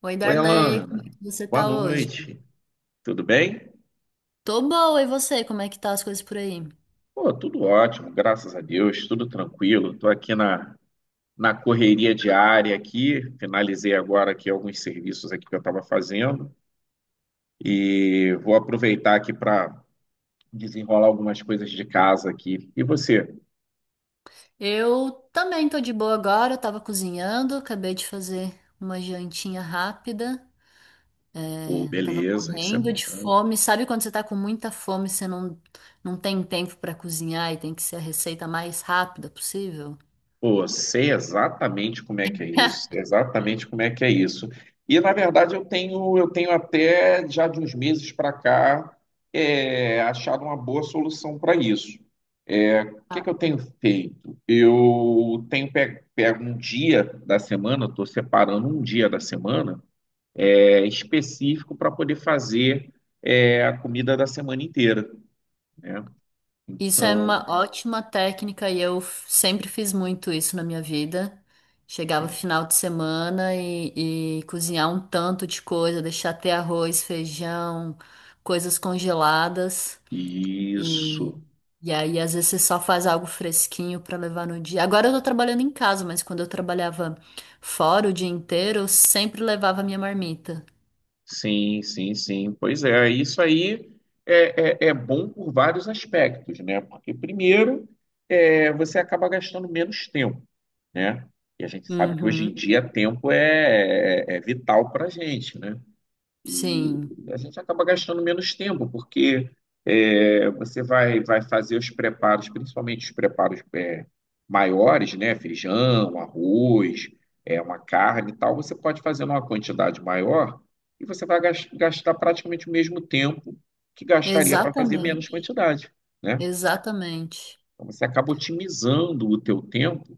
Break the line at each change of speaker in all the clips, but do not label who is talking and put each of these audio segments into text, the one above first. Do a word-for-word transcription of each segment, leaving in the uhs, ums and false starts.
Oi,
Oi,
Darley, como é
Alana.
que você
Boa
tá hoje?
noite. Tudo bem?
Tô boa, e você? Como é que tá as coisas por aí?
Pô, tudo ótimo, graças a Deus, tudo tranquilo. Estou aqui na, na correria diária aqui, finalizei agora aqui alguns serviços aqui que eu estava fazendo e vou aproveitar aqui para desenrolar algumas coisas de casa aqui. E você?
Eu também tô de boa agora, eu tava cozinhando, acabei de fazer uma jantinha rápida,
Pô,
é, tava
beleza, isso é
morrendo de
bom.
fome. Sabe quando você tá com muita fome, você não, não tem tempo pra cozinhar e tem que ser a receita mais rápida possível?
Pô, sei exatamente como é que é isso, sei exatamente como é que é isso. E na verdade eu tenho, eu tenho até já de uns meses para cá é, achado uma boa solução para isso. É, o que que eu tenho feito? Eu tenho pe- pego um dia da semana, estou separando um dia da semana é, específico para poder fazer é, a comida da semana inteira, né?
Isso é
Então,
uma ótima técnica e eu f- sempre fiz muito isso na minha vida. Chegava
sim,
final de semana e, e cozinhar um tanto de coisa, deixar ter arroz, feijão, coisas congeladas. E,
isso.
e aí, às vezes, você só faz algo fresquinho para levar no dia. Agora eu tô trabalhando em casa, mas quando eu trabalhava fora o dia inteiro, eu sempre levava minha marmita.
Sim, sim, sim. Pois é, isso aí é, é, é bom por vários aspectos, né? Porque, primeiro, é, você acaba gastando menos tempo, né? E a gente sabe que hoje em
Uhum.
dia tempo é, é, é vital para a gente, né? E
Sim,
a gente acaba gastando menos tempo, porque é, você vai, vai fazer os preparos, principalmente os preparos é, maiores, né? Feijão, arroz, é, uma carne e tal. Você pode fazer numa quantidade maior e você vai gas- gastar praticamente o mesmo tempo que gastaria para fazer menos
exatamente,
quantidade, né?
exatamente.
Então, você acaba otimizando o teu tempo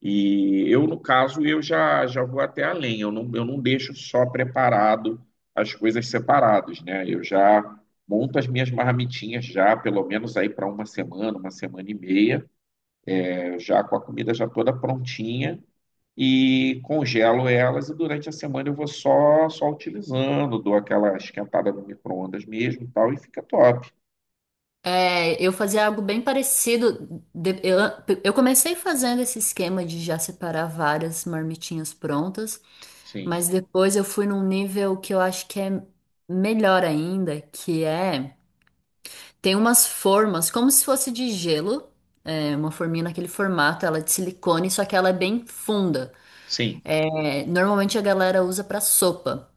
e eu, no caso, eu já, já vou até além, eu não, eu não deixo só preparado as coisas separadas, né? Eu já monto as minhas marmitinhas já, pelo menos aí para uma semana, uma semana e meia, né? Eu já com a comida já toda prontinha e congelo elas e durante a semana eu vou só só utilizando, dou aquela esquentada no micro-ondas mesmo e tal, e fica top.
É, eu fazia algo bem parecido. De- Eu, eu comecei fazendo esse esquema de já separar várias marmitinhas prontas,
Sim,
mas depois eu fui num nível que eu acho que é melhor ainda, que é tem umas formas, como se fosse de gelo, é, uma forminha naquele formato, ela é de silicone, só que ela é bem funda.
sim,
É, normalmente a galera usa para sopa.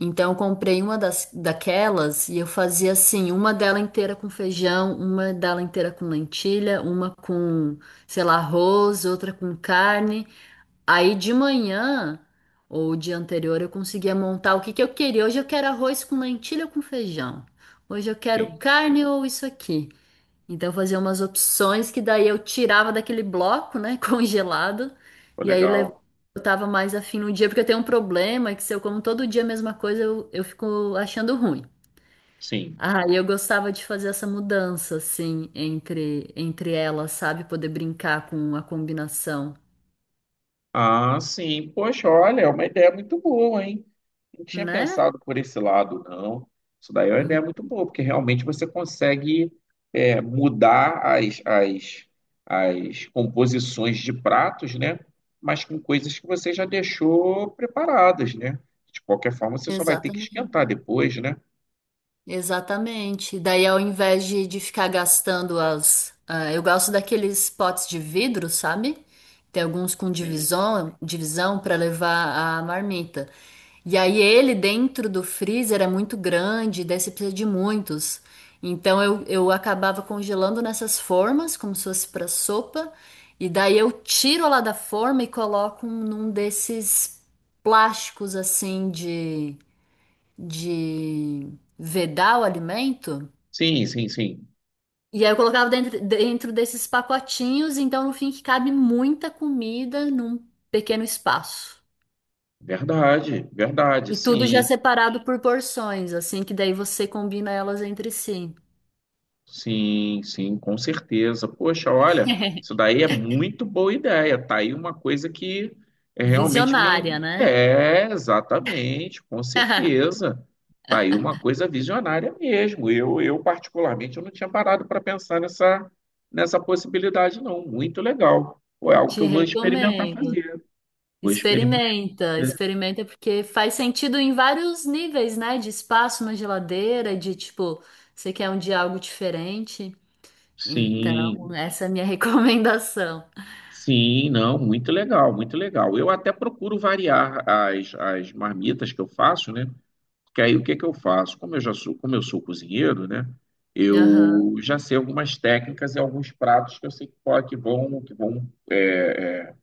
Então, eu comprei uma das, daquelas e eu fazia assim, uma dela inteira com feijão, uma dela inteira com lentilha, uma com, sei lá, arroz, outra com carne. Aí de manhã ou o dia anterior eu conseguia montar o que que eu queria. Hoje eu quero arroz com lentilha ou com feijão. Hoje eu quero
sim,
carne ou isso aqui. Então eu fazia umas opções que daí eu tirava daquele bloco, né, congelado,
foi
e aí le-
legal.
eu tava mais afim no dia, porque eu tenho um problema que se eu como todo dia a mesma coisa, eu, eu fico achando ruim.
Sim.
Ah, e eu gostava de fazer essa mudança, assim, entre, entre elas, sabe? Poder brincar com a combinação,
Ah, sim. Poxa, olha, é uma ideia muito boa, hein? Não tinha
né?
pensado por esse lado, não. Isso daí é uma ideia
Hum.
muito boa, porque realmente você consegue é, mudar as, as, as composições de pratos, né? Mas com coisas que você já deixou preparadas, né? De qualquer forma, você só vai ter que
Exatamente.
esquentar depois, né?
Exatamente. Daí, ao invés de, de ficar gastando as. Ah, eu gosto daqueles potes de vidro, sabe? Tem alguns com
Sim,
divisão, divisão para levar a marmita. E aí, ele dentro do freezer é muito grande, daí você precisa de muitos. Então, eu, eu acabava congelando nessas formas, como se fosse para sopa. E daí, eu tiro lá da forma e coloco num desses plásticos assim de de vedar o alimento.
sim, sim. Sim.
E aí eu colocava dentro, dentro desses pacotinhos, então no fim que cabe muita comida num pequeno espaço.
Verdade, verdade,
E tudo já
sim.
separado por porções, assim que daí você combina elas entre si.
Sim, sim, com certeza. Poxa, olha, isso daí é muito boa ideia. Tá aí uma coisa que é realmente
Visionária,
me.
né?
É, exatamente, com certeza. Tá aí uma coisa visionária mesmo. Eu, eu particularmente, eu não tinha parado para pensar nessa, nessa possibilidade, não. Muito legal. Pô, é algo que
Te
eu vou experimentar
recomendo.
fazer. Vou experimentar.
Experimenta, experimenta porque faz sentido em vários níveis, né? De espaço na geladeira, de tipo, você quer um dia algo diferente. Então,
Sim,
essa é a minha recomendação.
sim, não, muito legal, muito legal. Eu até procuro variar as, as marmitas que eu faço, né? Que aí o que que eu faço? Como eu já sou, como eu sou cozinheiro, né?
Aham,
Eu já sei algumas técnicas e alguns pratos que eu sei que, po- que vão, que vão é, é,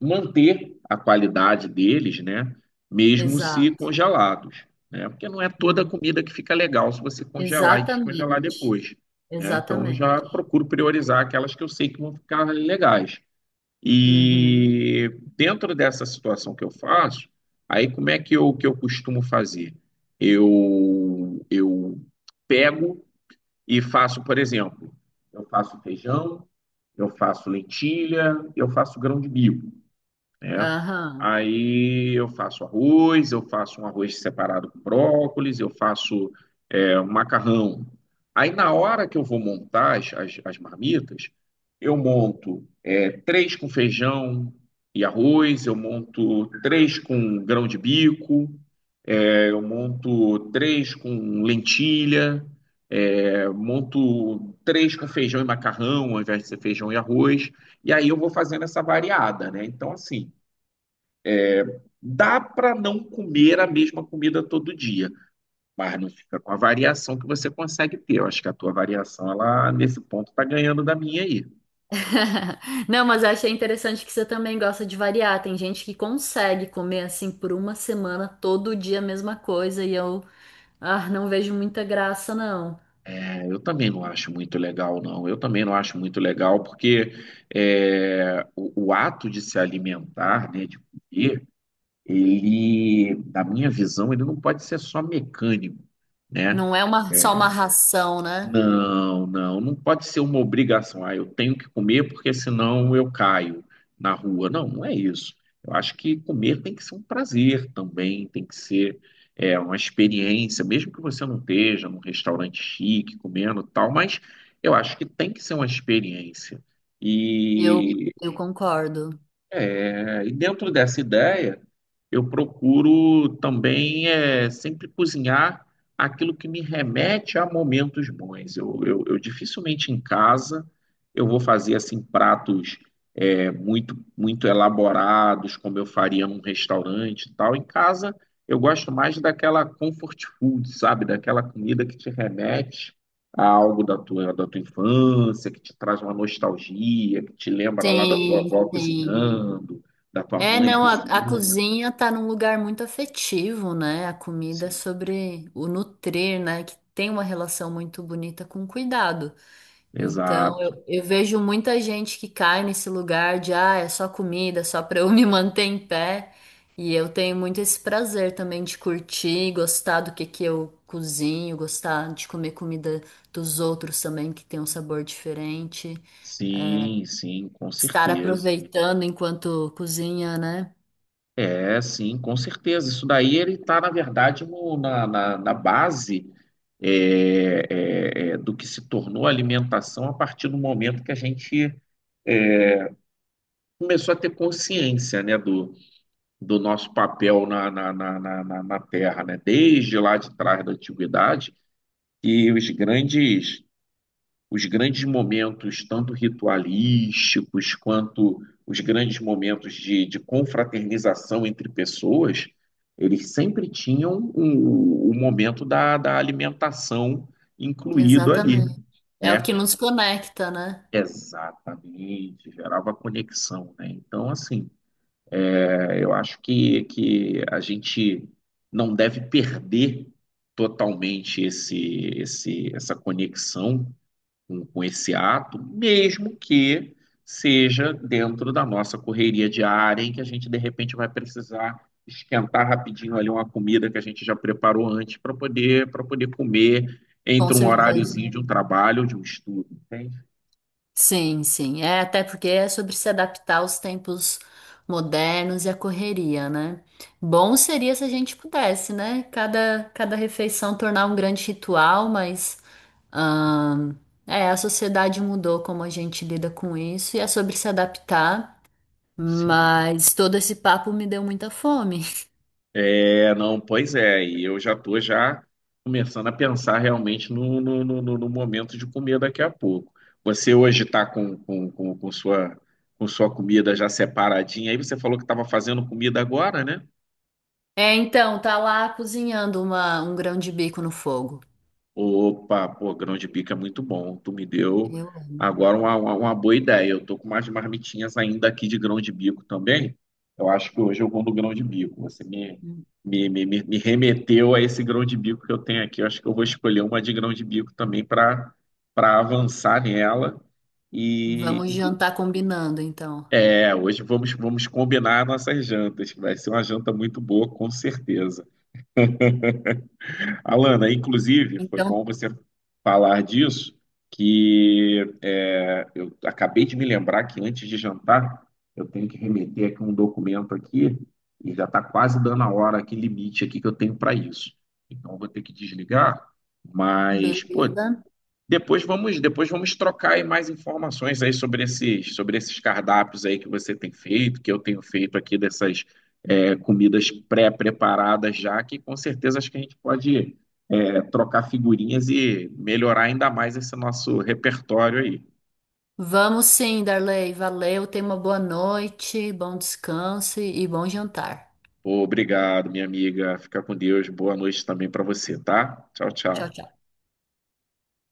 manter a qualidade deles, né? Mesmo se
exato.
congelados, né? Porque não é toda a
Uhum.
comida que fica legal se você congelar e descongelar
Exatamente.
depois, né? Então eu já
Exatamente.
procuro priorizar aquelas que eu sei que vão ficar legais.
Uhum.
E dentro dessa situação que eu faço, aí como é que eu, que eu costumo fazer? Eu, eu pego e faço, por exemplo, eu faço feijão, eu faço lentilha, eu faço grão de bico, né?
Aham.
Aí eu faço arroz, eu faço um arroz separado com brócolis, eu faço é, um macarrão. Aí na hora que eu vou montar as, as, as marmitas, eu monto é, três com feijão e arroz, eu monto três com grão de bico, é, eu monto três com lentilha, é, monto três com feijão e macarrão, ao invés de ser feijão e arroz, e aí eu vou fazendo essa variada, né? Então, assim, dá para não comer a mesma comida todo dia, mas não fica com a variação que você consegue ter. Eu acho que a tua variação, ela nesse ponto está ganhando da minha aí.
Não, mas eu achei interessante que você também gosta de variar. Tem gente que consegue comer assim por uma semana, todo dia a mesma coisa, e eu, ah, não vejo muita graça, não.
É, eu também não acho muito legal, não. Eu também não acho muito legal, porque é, o, o ato de se alimentar, né, de comer, ele, na minha visão, ele não pode ser só mecânico, né?
Não é uma, só uma ração, né?
Não, não, não pode ser uma obrigação. Ah, eu tenho que comer porque senão eu caio na rua. Não, não é isso. Eu acho que comer tem que ser um prazer também, tem que ser é, uma experiência, mesmo que você não esteja num restaurante chique comendo e tal, mas eu acho que tem que ser uma experiência.
Eu, eu concordo.
É, e dentro dessa ideia, eu procuro também é, sempre cozinhar aquilo que me remete a momentos bons. Eu, eu, eu dificilmente em casa eu vou fazer assim pratos é, muito, muito elaborados, como eu faria num restaurante e tal. Em casa, eu gosto mais daquela comfort food, sabe? Daquela comida que te remete a algo da tua, da tua infância, que te traz uma nostalgia, que te lembra lá da tua
Sim,
avó
sim.
cozinhando, da tua
É,
mãe
não, a, a
cozinhando.
cozinha tá num lugar muito afetivo, né? A comida é
Sim,
sobre o nutrir, né? Que tem uma relação muito bonita com cuidado. Então, eu,
exato.
eu vejo muita gente que cai nesse lugar de, ah, é só comida, só pra eu me manter em pé. E eu tenho muito esse prazer também de curtir, gostar do que que eu cozinho, gostar de comer comida dos outros também, que tem um sabor diferente. É,
Sim, sim, com
estar
certeza.
aproveitando enquanto cozinha, né?
É, sim, com certeza. Isso daí ele está, na verdade, no- na, na, na base é, é, é, do que se tornou a alimentação a partir do momento que a gente começou a ter consciência, né, do, do nosso papel na, na, na, na, na na Terra, né? Desde lá de trás da antiguidade, que os grandes os grandes momentos, tanto ritualísticos quanto os grandes momentos de, de confraternização entre pessoas, eles sempre tinham o, o momento da, da alimentação incluído ali,
Exatamente. É o
né?
que nos conecta, né?
Exatamente, gerava conexão, né? Então, assim, é, eu acho que, que a gente não deve perder totalmente esse, esse, essa conexão com, com esse ato, mesmo que seja dentro da nossa correria diária, em que a gente de repente vai precisar esquentar rapidinho ali uma comida que a gente já preparou antes para poder para poder comer
Com
entre um
certeza.
horáriozinho de um trabalho ou de um estudo, entende?
Sim, sim. É até porque é sobre se adaptar aos tempos modernos e à correria, né? Bom seria se a gente pudesse, né? Cada, cada refeição tornar um grande ritual, mas ahn, é, a sociedade mudou como a gente lida com isso e é sobre se adaptar.
Sim.
Mas todo esse papo me deu muita fome.
É, não, pois é, e eu já estou já começando a pensar realmente no, no, no, no- no momento de comer daqui a pouco. Você hoje está com, com, com, com sua, com sua comida já separadinha, aí você falou que estava fazendo comida agora, né?
É, então, tá lá cozinhando uma, um grão de bico no fogo.
Opa, pô, grão de bico é muito bom. Tu me deu
Eu
agora uma, uma, uma boa ideia. Eu tô com umas marmitinhas ainda aqui de grão de bico também. Eu acho que hoje eu vou no grão de bico. Você me,
amo.
me, me, me me remeteu a esse grão de bico que eu tenho aqui. Eu acho que eu vou escolher uma de grão de bico também para para avançar nela. E
Vamos jantar combinando, então.
é, hoje vamos, vamos combinar nossas jantas, que vai ser uma janta muito boa, com certeza. Alana, inclusive, foi bom
Então,
você falar disso, que é, eu acabei de me lembrar que antes de jantar eu tenho que remeter aqui um documento aqui e já está quase dando a hora aqui limite aqui que eu tenho para isso. Então eu vou ter que desligar, mas pô,
beleza?
depois vamos depois vamos trocar aí mais informações aí sobre esses sobre esses cardápios aí que você tem feito, que eu tenho feito aqui dessas é, comidas pré-preparadas já, que com certeza acho que a gente pode trocar figurinhas e melhorar ainda mais esse nosso repertório aí.
Vamos sim, Darley. Valeu, tenha uma boa noite, bom descanso e e bom jantar.
Pô, obrigado, minha amiga. Fica com Deus. Boa noite também para você, tá? Tchau,
Tchau,
tchau.
tchau.